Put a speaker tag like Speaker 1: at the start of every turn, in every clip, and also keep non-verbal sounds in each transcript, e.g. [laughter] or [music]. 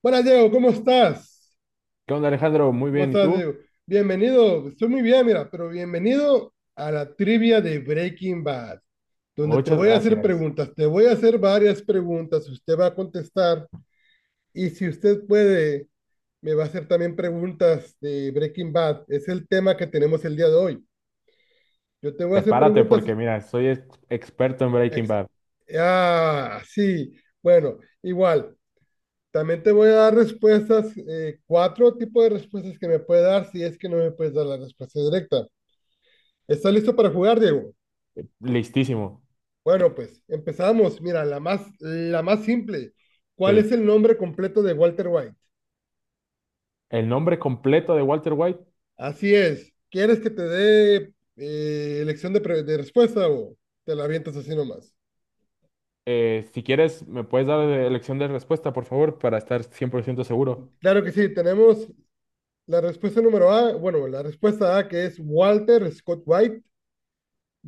Speaker 1: Buenas, Diego, ¿cómo estás?
Speaker 2: ¿Qué onda, Alejandro? Muy
Speaker 1: ¿Cómo
Speaker 2: bien, ¿y
Speaker 1: estás,
Speaker 2: tú?
Speaker 1: Diego? Bienvenido, estoy muy bien, mira, pero bienvenido a la trivia de Breaking Bad, donde te
Speaker 2: Muchas
Speaker 1: voy a hacer
Speaker 2: gracias.
Speaker 1: preguntas, te voy a hacer varias preguntas, usted va a contestar, y si usted puede, me va a hacer también preguntas de Breaking Bad, es el tema que tenemos el día de hoy. Yo te voy a hacer
Speaker 2: Prepárate
Speaker 1: preguntas.
Speaker 2: porque mira, soy experto en Breaking
Speaker 1: Ex-.
Speaker 2: Bad.
Speaker 1: Ah, sí, bueno, igual. También te voy a dar respuestas, cuatro tipos de respuestas que me puede dar si es que no me puedes dar la respuesta directa. ¿Estás listo para jugar, Diego?
Speaker 2: Listísimo.
Speaker 1: Bueno, pues empezamos. Mira, la más simple. ¿Cuál
Speaker 2: Sí.
Speaker 1: es el nombre completo de Walter White?
Speaker 2: El nombre completo de Walter White.
Speaker 1: Así es. ¿Quieres que te dé elección de, de respuesta, o te la avientas así nomás?
Speaker 2: Si quieres, me puedes dar elección de respuesta, por favor, para estar cien por ciento seguro.
Speaker 1: Claro que sí. Tenemos la respuesta número A. Bueno, la respuesta A, que es Walter Scott White.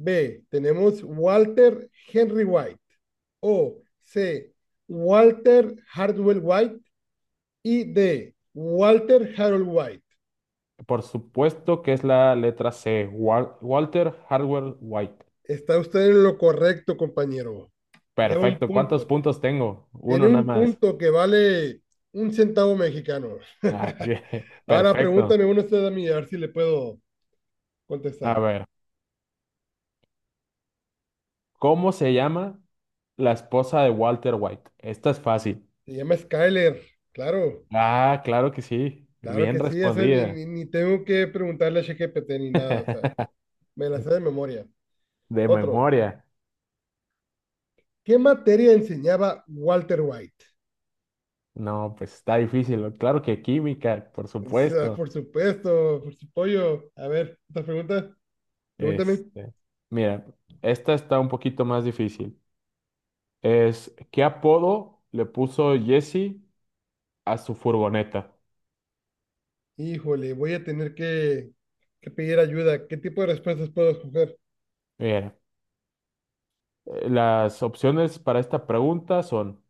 Speaker 1: B, tenemos Walter Henry White. O C, Walter Hardwell White. Y D, Walter Harold White.
Speaker 2: Por supuesto que es la letra C, Walter Hardwell White.
Speaker 1: Está usted en lo correcto, compañero. Lleva un
Speaker 2: Perfecto. ¿Cuántos
Speaker 1: punto.
Speaker 2: puntos tengo?
Speaker 1: Tiene
Speaker 2: Uno nada
Speaker 1: un
Speaker 2: más.
Speaker 1: punto que vale un centavo mexicano.
Speaker 2: Ah, [laughs]
Speaker 1: [laughs]
Speaker 2: bien.
Speaker 1: Ahora
Speaker 2: Perfecto.
Speaker 1: pregúntame uno usted a mí, a ver si le puedo
Speaker 2: A
Speaker 1: contestar.
Speaker 2: ver, ¿cómo se llama la esposa de Walter White? Esta es fácil.
Speaker 1: Se llama Skyler, claro,
Speaker 2: Ah, claro que sí.
Speaker 1: claro
Speaker 2: Bien
Speaker 1: que sí, eso ni,
Speaker 2: respondida.
Speaker 1: ni tengo que preguntarle a ChatGPT ni nada, o sea,
Speaker 2: [laughs]
Speaker 1: me la sé de memoria.
Speaker 2: De
Speaker 1: Otro,
Speaker 2: memoria.
Speaker 1: ¿qué materia enseñaba Walter White?
Speaker 2: No, pues está difícil, ¿no? Claro que química, por
Speaker 1: O sea,
Speaker 2: supuesto.
Speaker 1: por supuesto, por su pollo. A ver, otra pregunta. Pregúntame.
Speaker 2: Este, mira, esta está un poquito más difícil. Es, ¿qué apodo le puso Jesse a su furgoneta?
Speaker 1: Híjole, voy a tener que pedir ayuda. ¿Qué tipo de respuestas puedo escoger?
Speaker 2: Mira, las opciones para esta pregunta son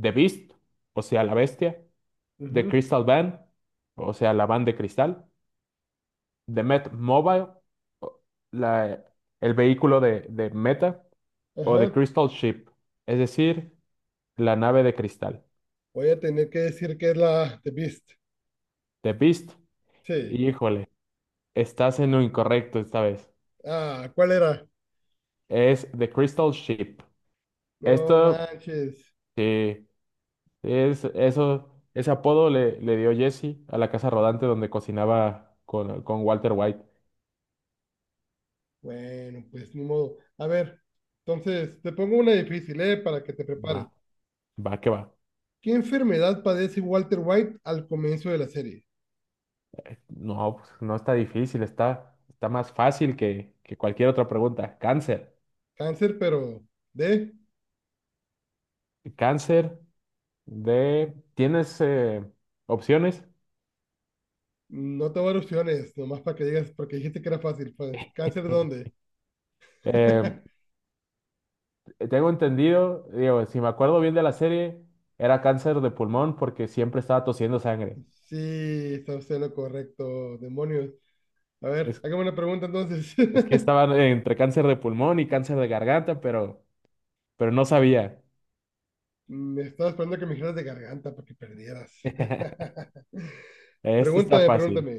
Speaker 2: The Beast, o sea, la bestia; The
Speaker 1: Ujú.
Speaker 2: Crystal Van, o sea, la van de cristal, de Met Mobile; o la- el vehículo de Meta; o
Speaker 1: Ajá.
Speaker 2: de Crystal Ship, es decir, la nave de cristal.
Speaker 1: Voy a tener que decir que es la The Beast.
Speaker 2: The Beast,
Speaker 1: Sí.
Speaker 2: híjole, estás en lo incorrecto esta vez.
Speaker 1: Ah, ¿cuál era?
Speaker 2: Es The Crystal Ship.
Speaker 1: No
Speaker 2: Esto,
Speaker 1: manches.
Speaker 2: sí, es, eso, ese apodo le, le dio Jesse a la casa rodante donde cocinaba con Walter White.
Speaker 1: Bueno, pues ni modo. A ver, entonces te pongo una difícil, ¿eh? Para que te
Speaker 2: Va,
Speaker 1: prepares.
Speaker 2: va que va.
Speaker 1: ¿Qué enfermedad padece Walter White al comienzo de la serie?
Speaker 2: No, pues, no está difícil, está, está más fácil que cualquier otra pregunta. Cáncer.
Speaker 1: Cáncer, pero de.
Speaker 2: Cáncer de... ¿Tienes opciones?
Speaker 1: No te voy a dar opciones, nomás para que digas, porque dijiste que era fácil. Pues. ¿Cáncer
Speaker 2: Eh,
Speaker 1: dónde?
Speaker 2: Eh,
Speaker 1: [laughs]
Speaker 2: tengo entendido, digo, si me acuerdo bien de la serie, era cáncer de pulmón porque siempre estaba tosiendo sangre.
Speaker 1: Sí, está usted en lo correcto, demonios. A ver,
Speaker 2: Es,
Speaker 1: hágame una pregunta entonces.
Speaker 2: es que
Speaker 1: [laughs]
Speaker 2: estaba entre cáncer de pulmón y cáncer de garganta, pero no sabía.
Speaker 1: Me estaba esperando que me dijeras de garganta para que perdieras.
Speaker 2: [laughs]
Speaker 1: [laughs]
Speaker 2: Esto está
Speaker 1: Pregúntame,
Speaker 2: fácil,
Speaker 1: pregúntame.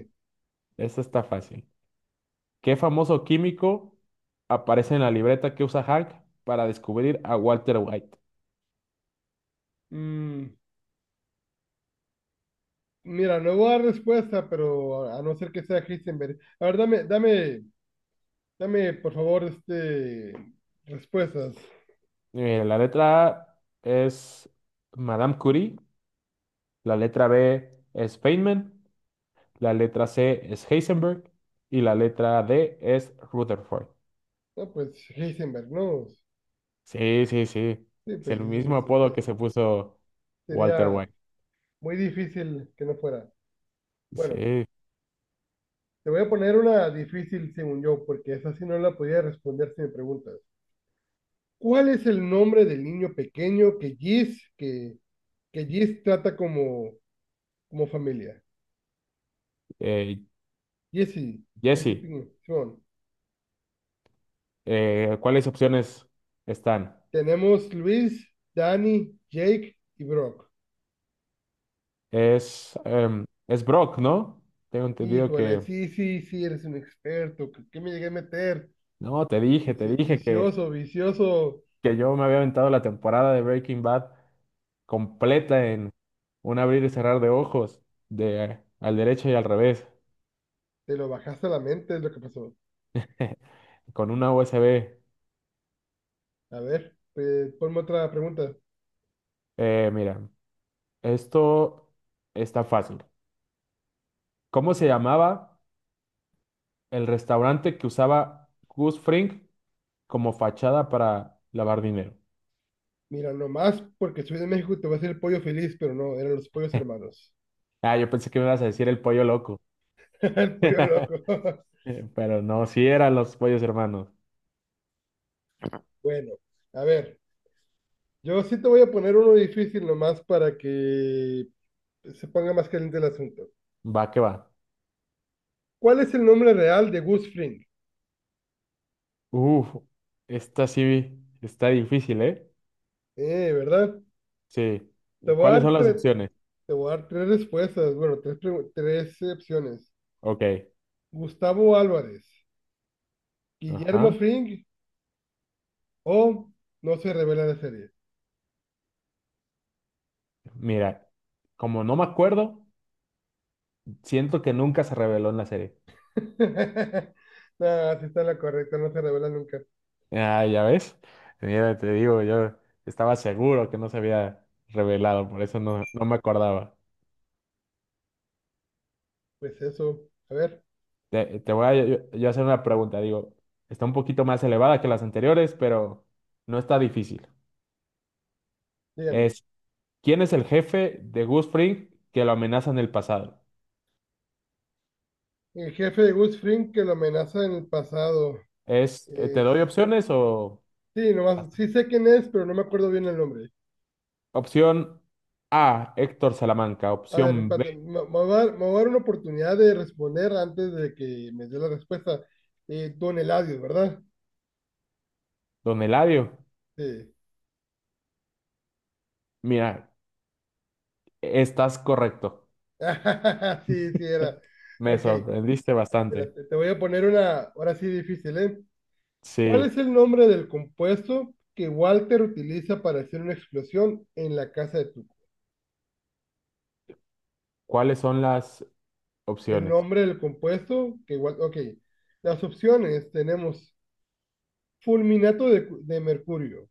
Speaker 2: esto está fácil. ¿Qué famoso químico aparece en la libreta que usa Hank para descubrir a Walter White?
Speaker 1: Mm, mira, no voy a dar respuesta, pero a no ser que sea Heisenberg. A ver, dame, dame, dame, por favor, respuestas.
Speaker 2: La letra A es Madame Curie, la letra B es Feynman, la letra C es Heisenberg y la letra D es Rutherford.
Speaker 1: No, pues Heisenberg, no.
Speaker 2: Sí, sí, sí.
Speaker 1: Sí,
Speaker 2: Es
Speaker 1: pues
Speaker 2: el
Speaker 1: sí, sí,
Speaker 2: mismo
Speaker 1: sí, sí.
Speaker 2: apodo que se puso Walter
Speaker 1: Sería
Speaker 2: White.
Speaker 1: muy difícil que no fuera. Bueno,
Speaker 2: Sí.
Speaker 1: te voy a poner una difícil según yo, porque esa sí no la podía responder si me preguntas. ¿Cuál es el nombre del niño pequeño que Giz, que Giz trata como, como familia?
Speaker 2: Eh,
Speaker 1: Jesse, Jesse
Speaker 2: Jesse.
Speaker 1: Pinkman, Simón.
Speaker 2: ¿Cuáles opciones están?
Speaker 1: Tenemos Luis, Danny, Jake y Brock.
Speaker 2: Es, em, es Brock, ¿no? Tengo entendido
Speaker 1: Híjole,
Speaker 2: que...
Speaker 1: sí, sí, sí, eres un experto. ¿Qué, qué me llegué a meter?
Speaker 2: No, te dije
Speaker 1: Vicioso, vicioso.
Speaker 2: que yo me había aventado la temporada de Breaking Bad completa en un abrir y cerrar de ojos, de al derecho y al revés.
Speaker 1: Te lo bajaste a la mente, es lo que pasó.
Speaker 2: [laughs] Con una USB.
Speaker 1: A ver, pues, ponme otra pregunta.
Speaker 2: Mira, esto está fácil. ¿Cómo se llamaba el restaurante que usaba Gus Fring como fachada para lavar dinero?
Speaker 1: Mira, nomás porque soy de México te va a hacer el pollo feliz, pero no, eran los pollos hermanos.
Speaker 2: Ah, yo pensé que me ibas a decir el pollo loco.
Speaker 1: [laughs] El pollo loco. [laughs]
Speaker 2: [laughs] Pero no, sí eran los pollos hermanos.
Speaker 1: Bueno, a ver, yo sí te voy a poner uno difícil nomás para que se ponga más caliente el asunto.
Speaker 2: Va que va.
Speaker 1: ¿Cuál es el nombre real de Gus Fring?
Speaker 2: Uf, esta sí está difícil, ¿eh?
Speaker 1: ¿Verdad?
Speaker 2: Sí.
Speaker 1: Te voy a
Speaker 2: ¿Cuáles son
Speaker 1: dar
Speaker 2: las
Speaker 1: tres,
Speaker 2: opciones?
Speaker 1: te voy a dar tres respuestas, bueno, tres, tres opciones.
Speaker 2: Ok.
Speaker 1: Gustavo Álvarez, Guillermo
Speaker 2: Ajá.
Speaker 1: Fring, o no se revela la serie.
Speaker 2: Mira, como no me acuerdo, siento que nunca se reveló en la serie.
Speaker 1: [laughs] No, sí está la correcta, no se revela nunca.
Speaker 2: Ah, ya ves. Mira, te digo, yo estaba seguro que no se había revelado, por eso no, no me acordaba.
Speaker 1: Pues eso. A ver,
Speaker 2: Te voy a yo hacer una pregunta, digo, está un poquito más elevada que las anteriores, pero no está difícil.
Speaker 1: dígame.
Speaker 2: Es, ¿quién es el jefe de Gus Fring que lo amenaza en el pasado?
Speaker 1: El jefe de Gus Fring que lo amenaza en el pasado
Speaker 2: Es, ¿te doy
Speaker 1: es...
Speaker 2: opciones o...?
Speaker 1: Sí, nomás, sí sé quién es, pero no me acuerdo bien el nombre.
Speaker 2: Opción A, Héctor Salamanca.
Speaker 1: A ver,
Speaker 2: Opción B,
Speaker 1: espérate, me voy a dar, me voy a dar una oportunidad de responder antes de que me dé la respuesta. Don Eladio, ¿verdad?
Speaker 2: Don Eladio.
Speaker 1: Sí.
Speaker 2: Mira, estás correcto.
Speaker 1: [laughs] Sí, sí era.
Speaker 2: [laughs] Me
Speaker 1: Ok,
Speaker 2: sorprendiste bastante.
Speaker 1: espérate, te voy a poner una, ahora sí difícil, ¿eh? ¿Cuál es
Speaker 2: Sí.
Speaker 1: el nombre del compuesto que Walter utiliza para hacer una explosión en la casa de Tuco?
Speaker 2: ¿Cuáles son las
Speaker 1: El
Speaker 2: opciones?
Speaker 1: nombre del compuesto que Walter... Ok, las opciones tenemos fulminato de, de mercurio,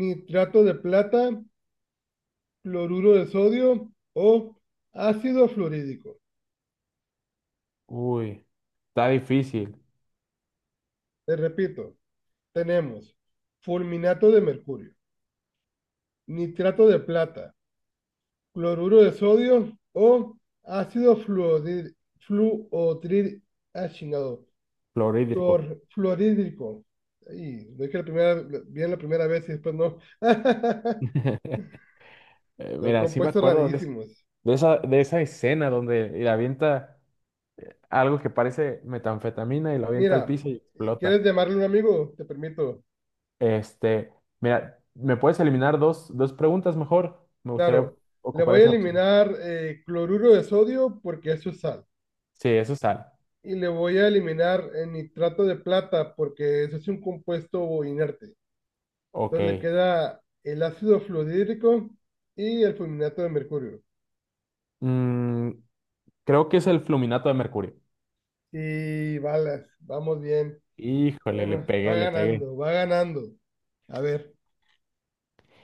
Speaker 1: nitrato de plata, cloruro de sodio o ácido fluorídrico.
Speaker 2: Uy, está difícil.
Speaker 1: Te repito, tenemos fulminato de mercurio, nitrato de plata, cloruro de sodio o ácido fluorid, fluotrid, ah, chingado,
Speaker 2: Clorhídrico.
Speaker 1: Flor, florídrico. Ahí, lo dije la primera, bien la primera vez y después no. [laughs]
Speaker 2: [laughs]
Speaker 1: Son
Speaker 2: Mira, sí me
Speaker 1: compuestos
Speaker 2: acuerdo de,
Speaker 1: rarísimos.
Speaker 2: de esa escena donde le avienta algo que parece metanfetamina y lo avienta al
Speaker 1: Mira,
Speaker 2: piso y explota.
Speaker 1: ¿quieres llamarle un amigo? Te permito.
Speaker 2: Este, mira, ¿me puedes eliminar dos, dos preguntas mejor? Me gustaría
Speaker 1: Claro, le
Speaker 2: ocupar
Speaker 1: voy a
Speaker 2: esa opción.
Speaker 1: eliminar cloruro de sodio porque eso es sal.
Speaker 2: Sí, eso es sal.
Speaker 1: Y le voy a eliminar el nitrato de plata porque eso es un compuesto inerte. Entonces le
Speaker 2: Ok.
Speaker 1: queda el ácido fluorhídrico y el fulminato de mercurio.
Speaker 2: Mm, creo que es el fluminato de mercurio.
Speaker 1: Y balas, vamos bien.
Speaker 2: Híjole, le
Speaker 1: Bueno, va
Speaker 2: pegué, le pegué.
Speaker 1: ganando, va ganando. A ver,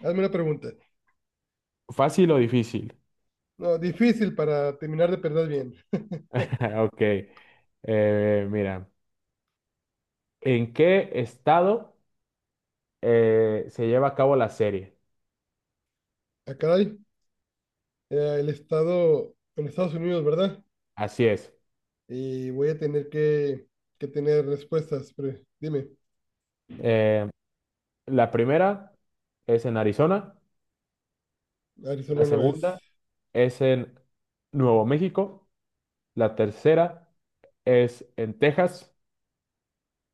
Speaker 1: hazme una pregunta.
Speaker 2: ¿Fácil o difícil?
Speaker 1: No, difícil para terminar de perder bien.
Speaker 2: [laughs] Ok, mira, ¿en qué estado se lleva a cabo la serie?
Speaker 1: Ah, caray, el estado en Estados Unidos, ¿verdad?
Speaker 2: Así es.
Speaker 1: Y voy a tener que tener respuestas. Pero dime,
Speaker 2: Eh, la primera es en Arizona, la
Speaker 1: Arizona no es.
Speaker 2: segunda es en Nuevo México, la tercera es en Texas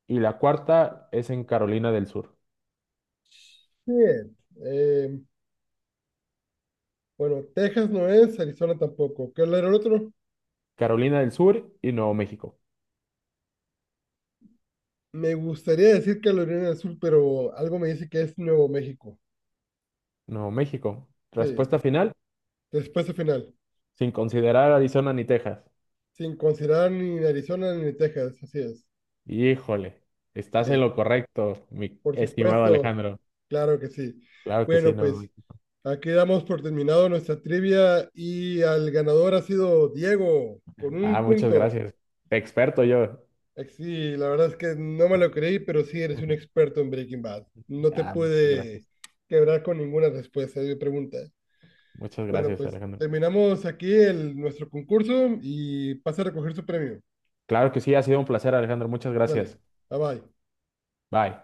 Speaker 2: y la cuarta es en Carolina del Sur.
Speaker 1: Bien. eh, bueno, Texas no es, Arizona tampoco. ¿Qué era el otro?
Speaker 2: Carolina del Sur y Nuevo México.
Speaker 1: Me gustaría decir Carolina del Sur, pero algo me dice que es Nuevo México.
Speaker 2: Nuevo México.
Speaker 1: Sí,
Speaker 2: Respuesta final,
Speaker 1: respuesta final.
Speaker 2: sin considerar Arizona ni Texas.
Speaker 1: Sin considerar ni Arizona ni Texas, así es.
Speaker 2: Híjole, estás en
Speaker 1: Que,
Speaker 2: lo correcto, mi
Speaker 1: por
Speaker 2: estimado
Speaker 1: supuesto,
Speaker 2: Alejandro.
Speaker 1: claro que sí.
Speaker 2: Claro que sí,
Speaker 1: Bueno,
Speaker 2: no.
Speaker 1: pues aquí damos por terminado nuestra trivia, y al ganador ha sido Diego con
Speaker 2: Ah,
Speaker 1: un
Speaker 2: muchas
Speaker 1: punto.
Speaker 2: gracias. Experto yo.
Speaker 1: Sí, la verdad es que no me lo creí, pero sí eres un experto en Breaking Bad. No te
Speaker 2: Ah, muchas
Speaker 1: pude
Speaker 2: gracias.
Speaker 1: quebrar con ninguna respuesta de mi pregunta.
Speaker 2: Muchas
Speaker 1: Bueno,
Speaker 2: gracias,
Speaker 1: pues
Speaker 2: Alejandro.
Speaker 1: terminamos aquí el, nuestro concurso y pasa a recoger su premio.
Speaker 2: Claro que sí, ha sido un placer, Alejandro. Muchas
Speaker 1: Dale,
Speaker 2: gracias.
Speaker 1: bye bye.
Speaker 2: Bye.